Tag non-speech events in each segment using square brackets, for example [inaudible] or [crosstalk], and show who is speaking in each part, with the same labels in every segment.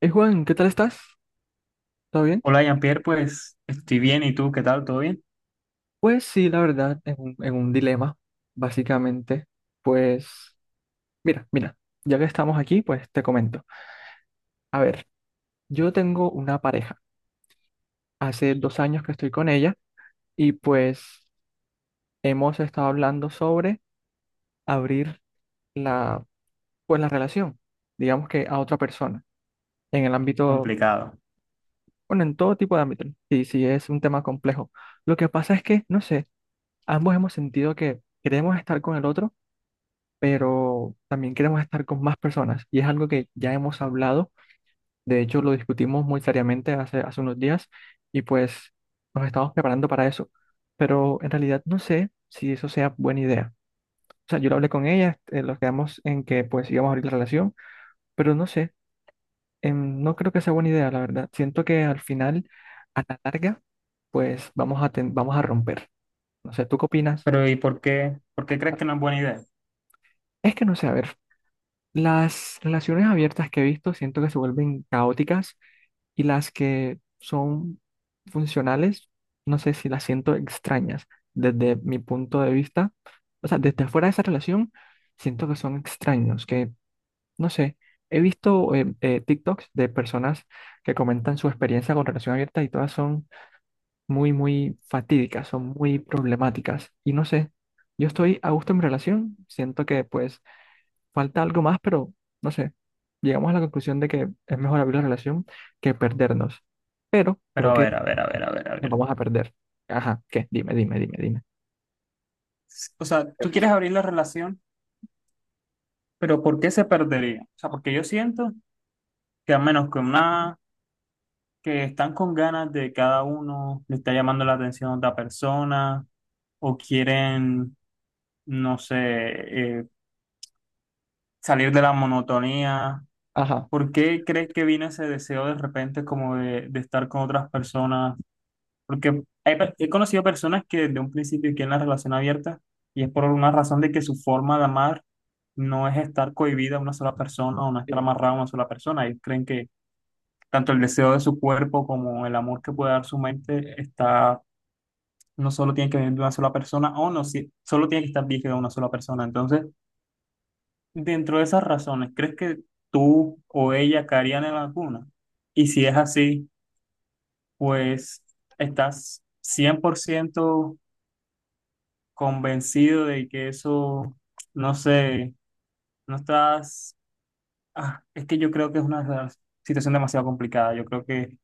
Speaker 1: Juan, ¿qué tal estás? ¿Todo bien?
Speaker 2: Hola, Jean-Pierre, pues estoy bien. ¿Y tú qué tal? ¿Todo bien?
Speaker 1: Pues sí, la verdad, en un dilema, básicamente. Pues, mira, mira, ya que estamos aquí, pues te comento. A ver, yo tengo una pareja. Hace dos años que estoy con ella y pues hemos estado hablando sobre abrir la, pues, la relación, digamos que a otra persona, en el ámbito,
Speaker 2: Complicado.
Speaker 1: bueno, en todo tipo de ámbito. Sí, sí, es un tema complejo. Lo que pasa es que, no sé, ambos hemos sentido que queremos estar con el otro, pero también queremos estar con más personas y es algo que ya hemos hablado, de hecho lo discutimos muy seriamente hace unos días y pues nos estamos preparando para eso, pero en realidad no sé si eso sea buena idea. O sea, yo lo hablé con ella, nos quedamos en que pues íbamos a abrir la relación, pero no sé, no creo que sea buena idea, la verdad. Siento que al final, a la larga, pues vamos a, vamos a romper. No sé, ¿tú qué opinas?
Speaker 2: Pero ¿y por qué? ¿Por qué crees que no es buena idea?
Speaker 1: Es que no sé, a ver. Las relaciones abiertas que he visto siento que se vuelven caóticas y las que son funcionales, no sé si las siento extrañas desde mi punto de vista. O sea, desde fuera de esa relación, siento que son extraños, que no sé, he visto TikToks de personas que comentan su experiencia con relación abierta y todas son muy, muy fatídicas, son muy problemáticas. Y no sé, yo estoy a gusto en mi relación, siento que pues falta algo más, pero no sé. Llegamos a la conclusión de que es mejor abrir la relación que perdernos. Pero
Speaker 2: Pero
Speaker 1: creo
Speaker 2: a
Speaker 1: que
Speaker 2: ver, a ver, a ver, a ver, a
Speaker 1: nos
Speaker 2: ver.
Speaker 1: vamos a perder. Ajá, ¿qué? Dime, dime, dime, dime.
Speaker 2: O sea,
Speaker 1: ¿Qué
Speaker 2: tú
Speaker 1: pasó?
Speaker 2: quieres abrir la relación, pero ¿por qué se perdería? O sea, porque yo siento que a menos que una, que están con ganas de cada uno, le está llamando la atención a otra persona, o quieren, no sé, eh, salir de la monotonía.
Speaker 1: Ajá.
Speaker 2: ¿Por qué crees que viene ese deseo de repente como de estar con otras personas? Porque hay he conocido personas que desde un principio quieren la relación abierta y es por una razón de que su forma de amar no es estar cohibida a una sola persona o no estar
Speaker 1: Sí.
Speaker 2: amarrada a una sola persona. Ellos creen que tanto el deseo de su cuerpo como el amor que puede dar su mente está, no solo tiene que venir de una sola persona o no, solo tiene que estar virgen de una sola persona. Entonces, dentro de esas razones, ¿crees que tú o ella caerían en alguna? Y si es así, pues estás 100% convencido de que eso, no sé, no estás, ah, es que yo creo que es una situación demasiado complicada. Yo creo que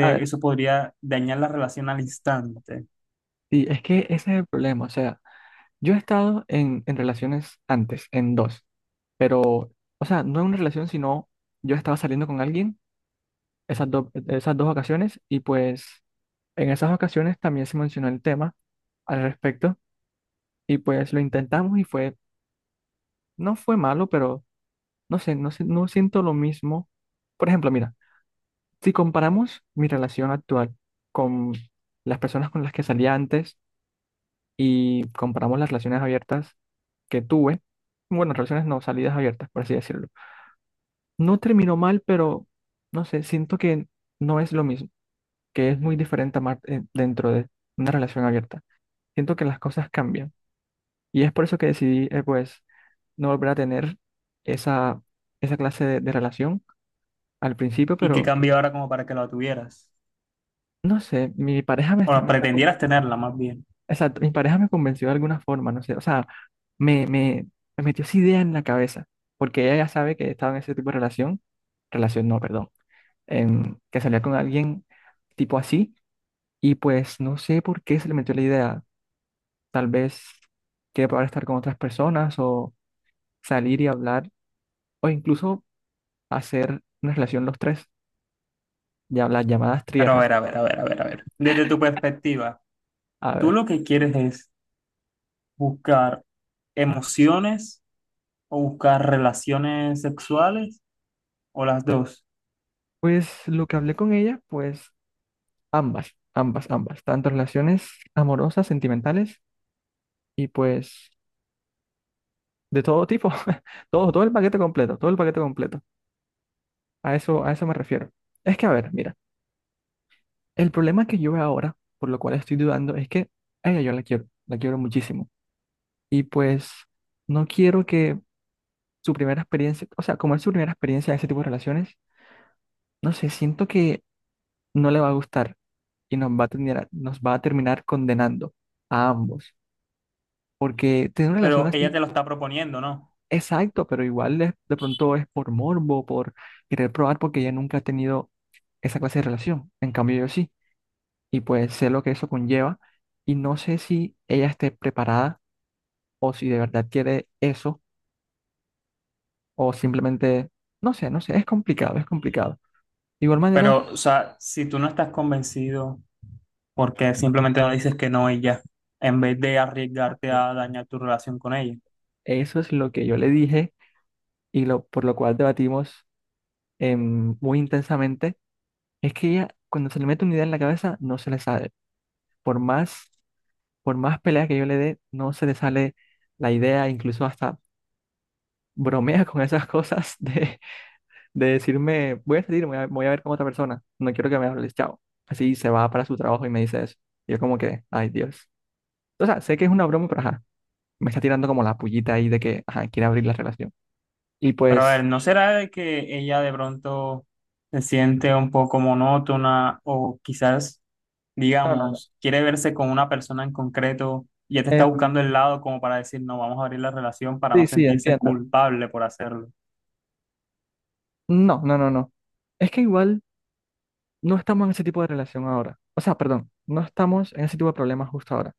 Speaker 1: A ver,
Speaker 2: eso podría dañar la relación al instante.
Speaker 1: sí, es que ese es el problema. O sea, yo he estado en relaciones antes, en dos, pero, o sea, no en una relación, sino yo estaba saliendo con alguien esas, esas dos ocasiones y pues en esas ocasiones también se mencionó el tema al respecto y pues lo intentamos y fue, no fue malo, pero no sé, no siento lo mismo. Por ejemplo, mira, si comparamos mi relación actual con las personas con las que salía antes y comparamos las relaciones abiertas que tuve, bueno, relaciones no, salidas abiertas, por así decirlo. No terminó mal, pero no sé, siento que no es lo mismo, que es muy diferente amar dentro de una relación abierta. Siento que las cosas cambian y es por eso que decidí, pues, no volver a tener esa, esa clase de relación al principio,
Speaker 2: ¿Y qué
Speaker 1: pero
Speaker 2: cambio ahora como para que la tuvieras?
Speaker 1: no sé, mi pareja me
Speaker 2: O
Speaker 1: está,
Speaker 2: la pretendieras tenerla más bien.
Speaker 1: exacto, mi pareja me convenció de alguna forma, no sé, o sea, me, me, me metió esa idea en la cabeza, porque ella ya sabe que estaba en ese tipo de relación, relación no, perdón, que salía con alguien tipo así, y pues no sé por qué se le metió la idea, tal vez que poder estar con otras personas o salir y hablar, o incluso hacer una relación los tres, ya las llamadas
Speaker 2: Pero a
Speaker 1: triejas.
Speaker 2: ver, a ver, a ver, a ver, a ver. Desde tu perspectiva,
Speaker 1: A
Speaker 2: ¿tú
Speaker 1: ver,
Speaker 2: lo que quieres es buscar emociones o buscar relaciones sexuales o las dos?
Speaker 1: pues lo que hablé con ella, pues ambas, ambas, ambas. Tanto relaciones amorosas, sentimentales y pues de todo tipo. [laughs] Todo, todo el paquete completo, todo el paquete completo. A eso me refiero. Es que, a ver, mira, el problema que yo veo ahora, por lo cual estoy dudando, es que a ella yo la quiero muchísimo. Y pues no quiero que su primera experiencia, o sea, como es su primera experiencia de ese tipo de relaciones, no sé, siento que no le va a gustar y nos va a terminar, nos va a terminar condenando a ambos. Porque tener una relación
Speaker 2: Pero ella
Speaker 1: así
Speaker 2: te lo está proponiendo, ¿no?
Speaker 1: exacto, pero igual de pronto es por morbo, por querer probar, porque ella nunca ha tenido esa clase de relación. En cambio, yo sí. Y pues sé lo que eso conlleva. Y no sé si ella esté preparada o si de verdad quiere eso o simplemente, no sé, es complicado, es complicado. De igual manera,
Speaker 2: Pero, o sea, si tú no estás convencido, ¿por qué simplemente no dices que no y ya en vez de arriesgarte
Speaker 1: claro,
Speaker 2: a dañar tu relación con ella?
Speaker 1: eso es lo que yo le dije y lo por lo cual debatimos muy intensamente, es que ella cuando se le mete una idea en la cabeza no se le sale. Por más por más pelea que yo le dé, no se le sale la idea, incluso hasta bromea con esas cosas [laughs] de decirme, voy a salir, voy a, voy a ver con otra persona, no quiero que me hables, chao. Así se va para su trabajo y me dice eso. Y yo como que, ay Dios. O sea, sé que es una broma, pero ajá, me está tirando como la pullita ahí de que, ajá, quiere abrir la relación. Y
Speaker 2: Pero a ver,
Speaker 1: pues...
Speaker 2: ¿no será de que ella de pronto se siente un poco monótona o quizás,
Speaker 1: No, no, no.
Speaker 2: digamos, quiere verse con una persona en concreto y ya te está
Speaker 1: Em,
Speaker 2: buscando el lado como para decir, no, vamos a abrir la relación para no
Speaker 1: sí, sí,
Speaker 2: sentirse
Speaker 1: entiendo.
Speaker 2: culpable por hacerlo?
Speaker 1: No, no, no, no. Es que igual no estamos en ese tipo de relación ahora. O sea, perdón, no estamos en ese tipo de problemas justo ahora.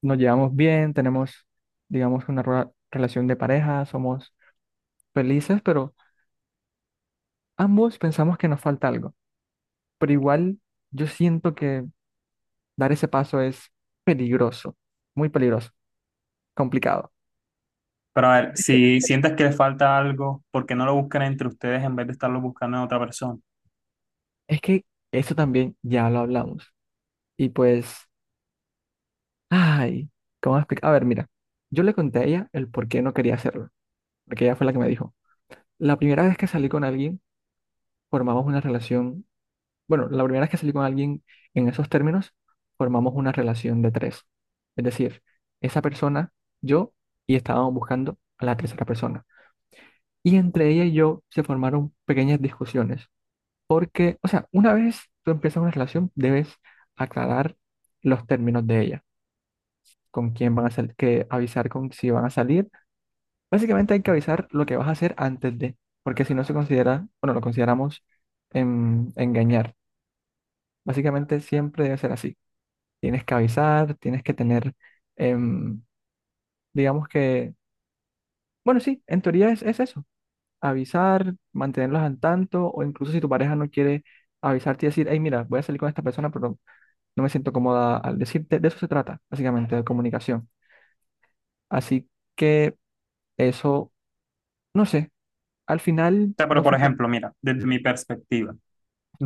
Speaker 1: Nos llevamos bien, tenemos, digamos, una relación de pareja, somos felices, pero ambos pensamos que nos falta algo. Pero igual yo siento que dar ese paso es peligroso, muy peligroso, complicado.
Speaker 2: Pero a ver, si sientes que le falta algo, ¿por qué no lo buscan entre ustedes en vez de estarlo buscando en otra persona?
Speaker 1: Es que eso también ya lo hablamos. Y pues, ay, ¿cómo explicar? A ver, mira, yo le conté a ella el por qué no quería hacerlo, porque ella fue la que me dijo, la primera vez que salí con alguien, formamos una relación bueno, la primera vez que salí con alguien en esos términos, formamos una relación de tres. Es decir, esa persona, yo, y estábamos buscando a la tercera persona. Y entre ella y yo se formaron pequeñas discusiones. Porque, o sea, una vez tú empiezas una relación, debes aclarar los términos de ella. Con quién van a salir, que avisar con si van a salir. Básicamente hay que avisar lo que vas a hacer antes de, porque si no se considera, bueno, lo consideramos engañar. Básicamente siempre debe ser así. Tienes que avisar, tienes que tener, em, digamos que, bueno, sí, en teoría es eso, avisar, mantenerlos al tanto, o incluso si tu pareja no quiere avisarte y decir, hey, mira, voy a salir con esta persona, pero no me siento cómoda al decirte, de eso se trata, básicamente, de comunicación. Así que eso, no sé, al final
Speaker 2: Sea, pero
Speaker 1: no
Speaker 2: por
Speaker 1: funciona.
Speaker 2: ejemplo, mira, desde mi perspectiva,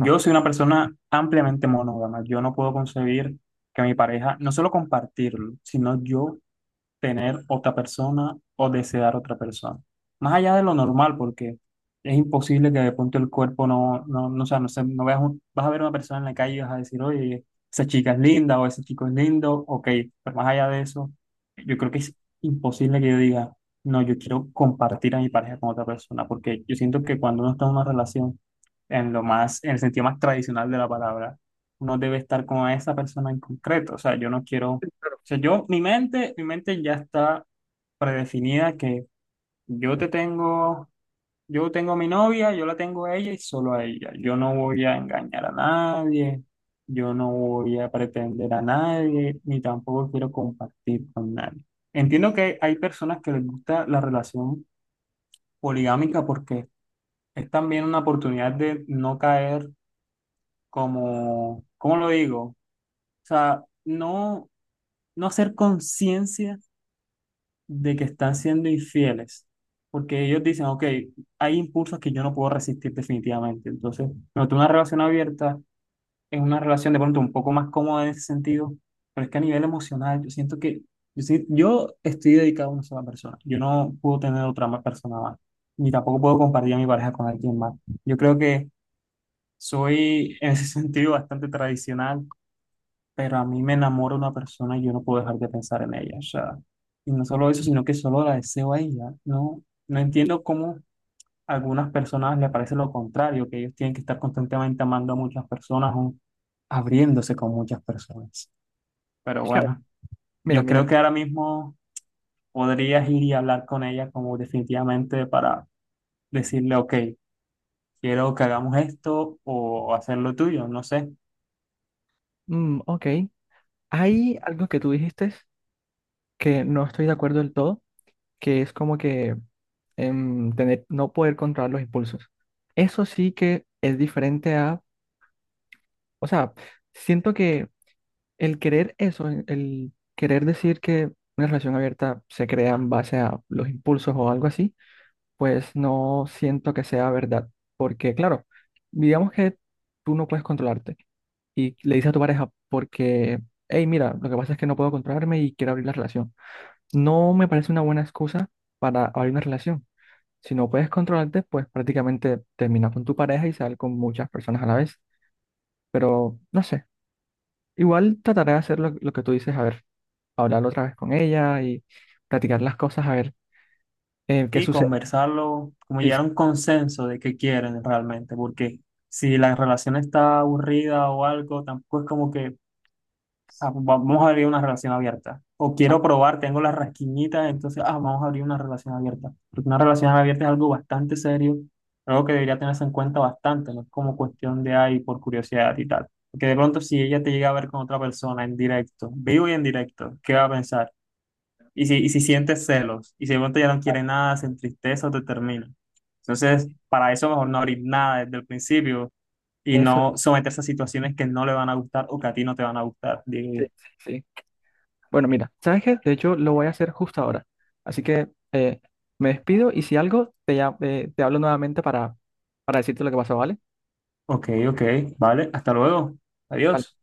Speaker 1: Ah,
Speaker 2: soy una persona ampliamente monógama. Yo no puedo concebir que mi pareja, no solo compartirlo, sino yo tener otra persona o desear otra persona. Más allá de lo normal, porque es imposible que de pronto el cuerpo no, no, no, o sea, no, sé, no veas vas a ver una persona en la calle y vas a decir, oye, esa chica es linda o ese chico es lindo, ok, pero más allá de eso, yo creo que es imposible que yo diga, no, yo quiero compartir a mi pareja con otra persona, porque yo siento que cuando uno está en una relación, en lo más, en el sentido más tradicional de la palabra, uno debe estar con esa persona en concreto, o sea, yo no quiero o sea, yo, mi mente ya está predefinida que yo te tengo, yo tengo a mi novia, yo la tengo a ella y solo a ella. Yo no voy a engañar a nadie, yo no voy a pretender a nadie, ni tampoco quiero compartir con nadie. Entiendo que hay personas que les gusta la relación poligámica porque es también una oportunidad de no caer como, ¿cómo lo digo? O sea, no, no hacer conciencia de que están siendo infieles, porque ellos dicen, ok, hay impulsos que yo no puedo resistir definitivamente. Entonces, no, tú una relación abierta es una relación de pronto un poco más cómoda en ese sentido, pero es que a nivel emocional yo siento que yo, yo estoy dedicado a una sola persona, yo no puedo tener otra más persona más, ni tampoco puedo compartir a mi pareja con alguien más. Yo creo que soy en ese [laughs] sentido bastante tradicional pero a mí me enamora una persona y yo no puedo dejar de pensar en ella. O sea, y no solo eso, sino que solo la deseo a ella. No, no entiendo cómo a algunas personas le parece lo contrario, que ellos tienen que estar constantemente amando a muchas personas o abriéndose con muchas personas. Pero
Speaker 1: es que, a ver,
Speaker 2: bueno,
Speaker 1: mira,
Speaker 2: yo
Speaker 1: mira,
Speaker 2: creo que ahora mismo podrías ir y hablar con ella como definitivamente para decirle, ok, quiero que hagamos esto o hacer lo tuyo, no sé.
Speaker 1: mm, ok, hay algo que tú dijiste que no estoy de acuerdo del todo, que es como que tener, no poder controlar los impulsos. Eso sí que es diferente a, o sea, siento que el querer eso, el querer decir que una relación abierta se crea en base a los impulsos o algo así, pues no siento que sea verdad, porque claro, digamos que tú no puedes controlarte y le dices a tu pareja porque, hey, mira, lo que pasa es que no puedo controlarme y quiero abrir la relación. No me parece una buena excusa para abrir una relación. Si no puedes controlarte, pues prácticamente terminas con tu pareja y sal con muchas personas a la vez. Pero no sé, igual trataré de hacer lo que tú dices, a ver, hablar otra vez con ella y platicar las cosas, a ver qué
Speaker 2: Sí,
Speaker 1: sucede.
Speaker 2: conversarlo, como
Speaker 1: Sí,
Speaker 2: llegar a
Speaker 1: sí,
Speaker 2: un consenso de qué quieren realmente, porque si la relación está aburrida o algo, tampoco es como que ah, pues vamos a abrir una relación abierta. O
Speaker 1: ah,
Speaker 2: quiero probar, tengo las rasquiñitas, entonces, ah, vamos a abrir una relación abierta. Porque una relación abierta es algo bastante serio, algo que debería tenerse en cuenta bastante, no es como cuestión de ahí por curiosidad y tal. Porque de pronto si ella te llega a ver con otra persona en directo, vivo y en directo, ¿qué va a pensar? Y si sientes celos, y si de pronto ya no quieres nada, sin tristeza o te termina. Entonces, para eso mejor no abrir nada desde el principio y
Speaker 1: eso,
Speaker 2: no someterse a situaciones que no le van a gustar o que a ti no te van a gustar. Digo,
Speaker 1: sí, sí, sí. Bueno, mira, ¿sabes qué? De hecho, lo voy a hacer justo ahora. Así que me despido y si algo, te, te hablo nuevamente para decirte lo que pasó, ¿vale?
Speaker 2: ok, ok, vale, hasta luego,
Speaker 1: Vale.
Speaker 2: adiós.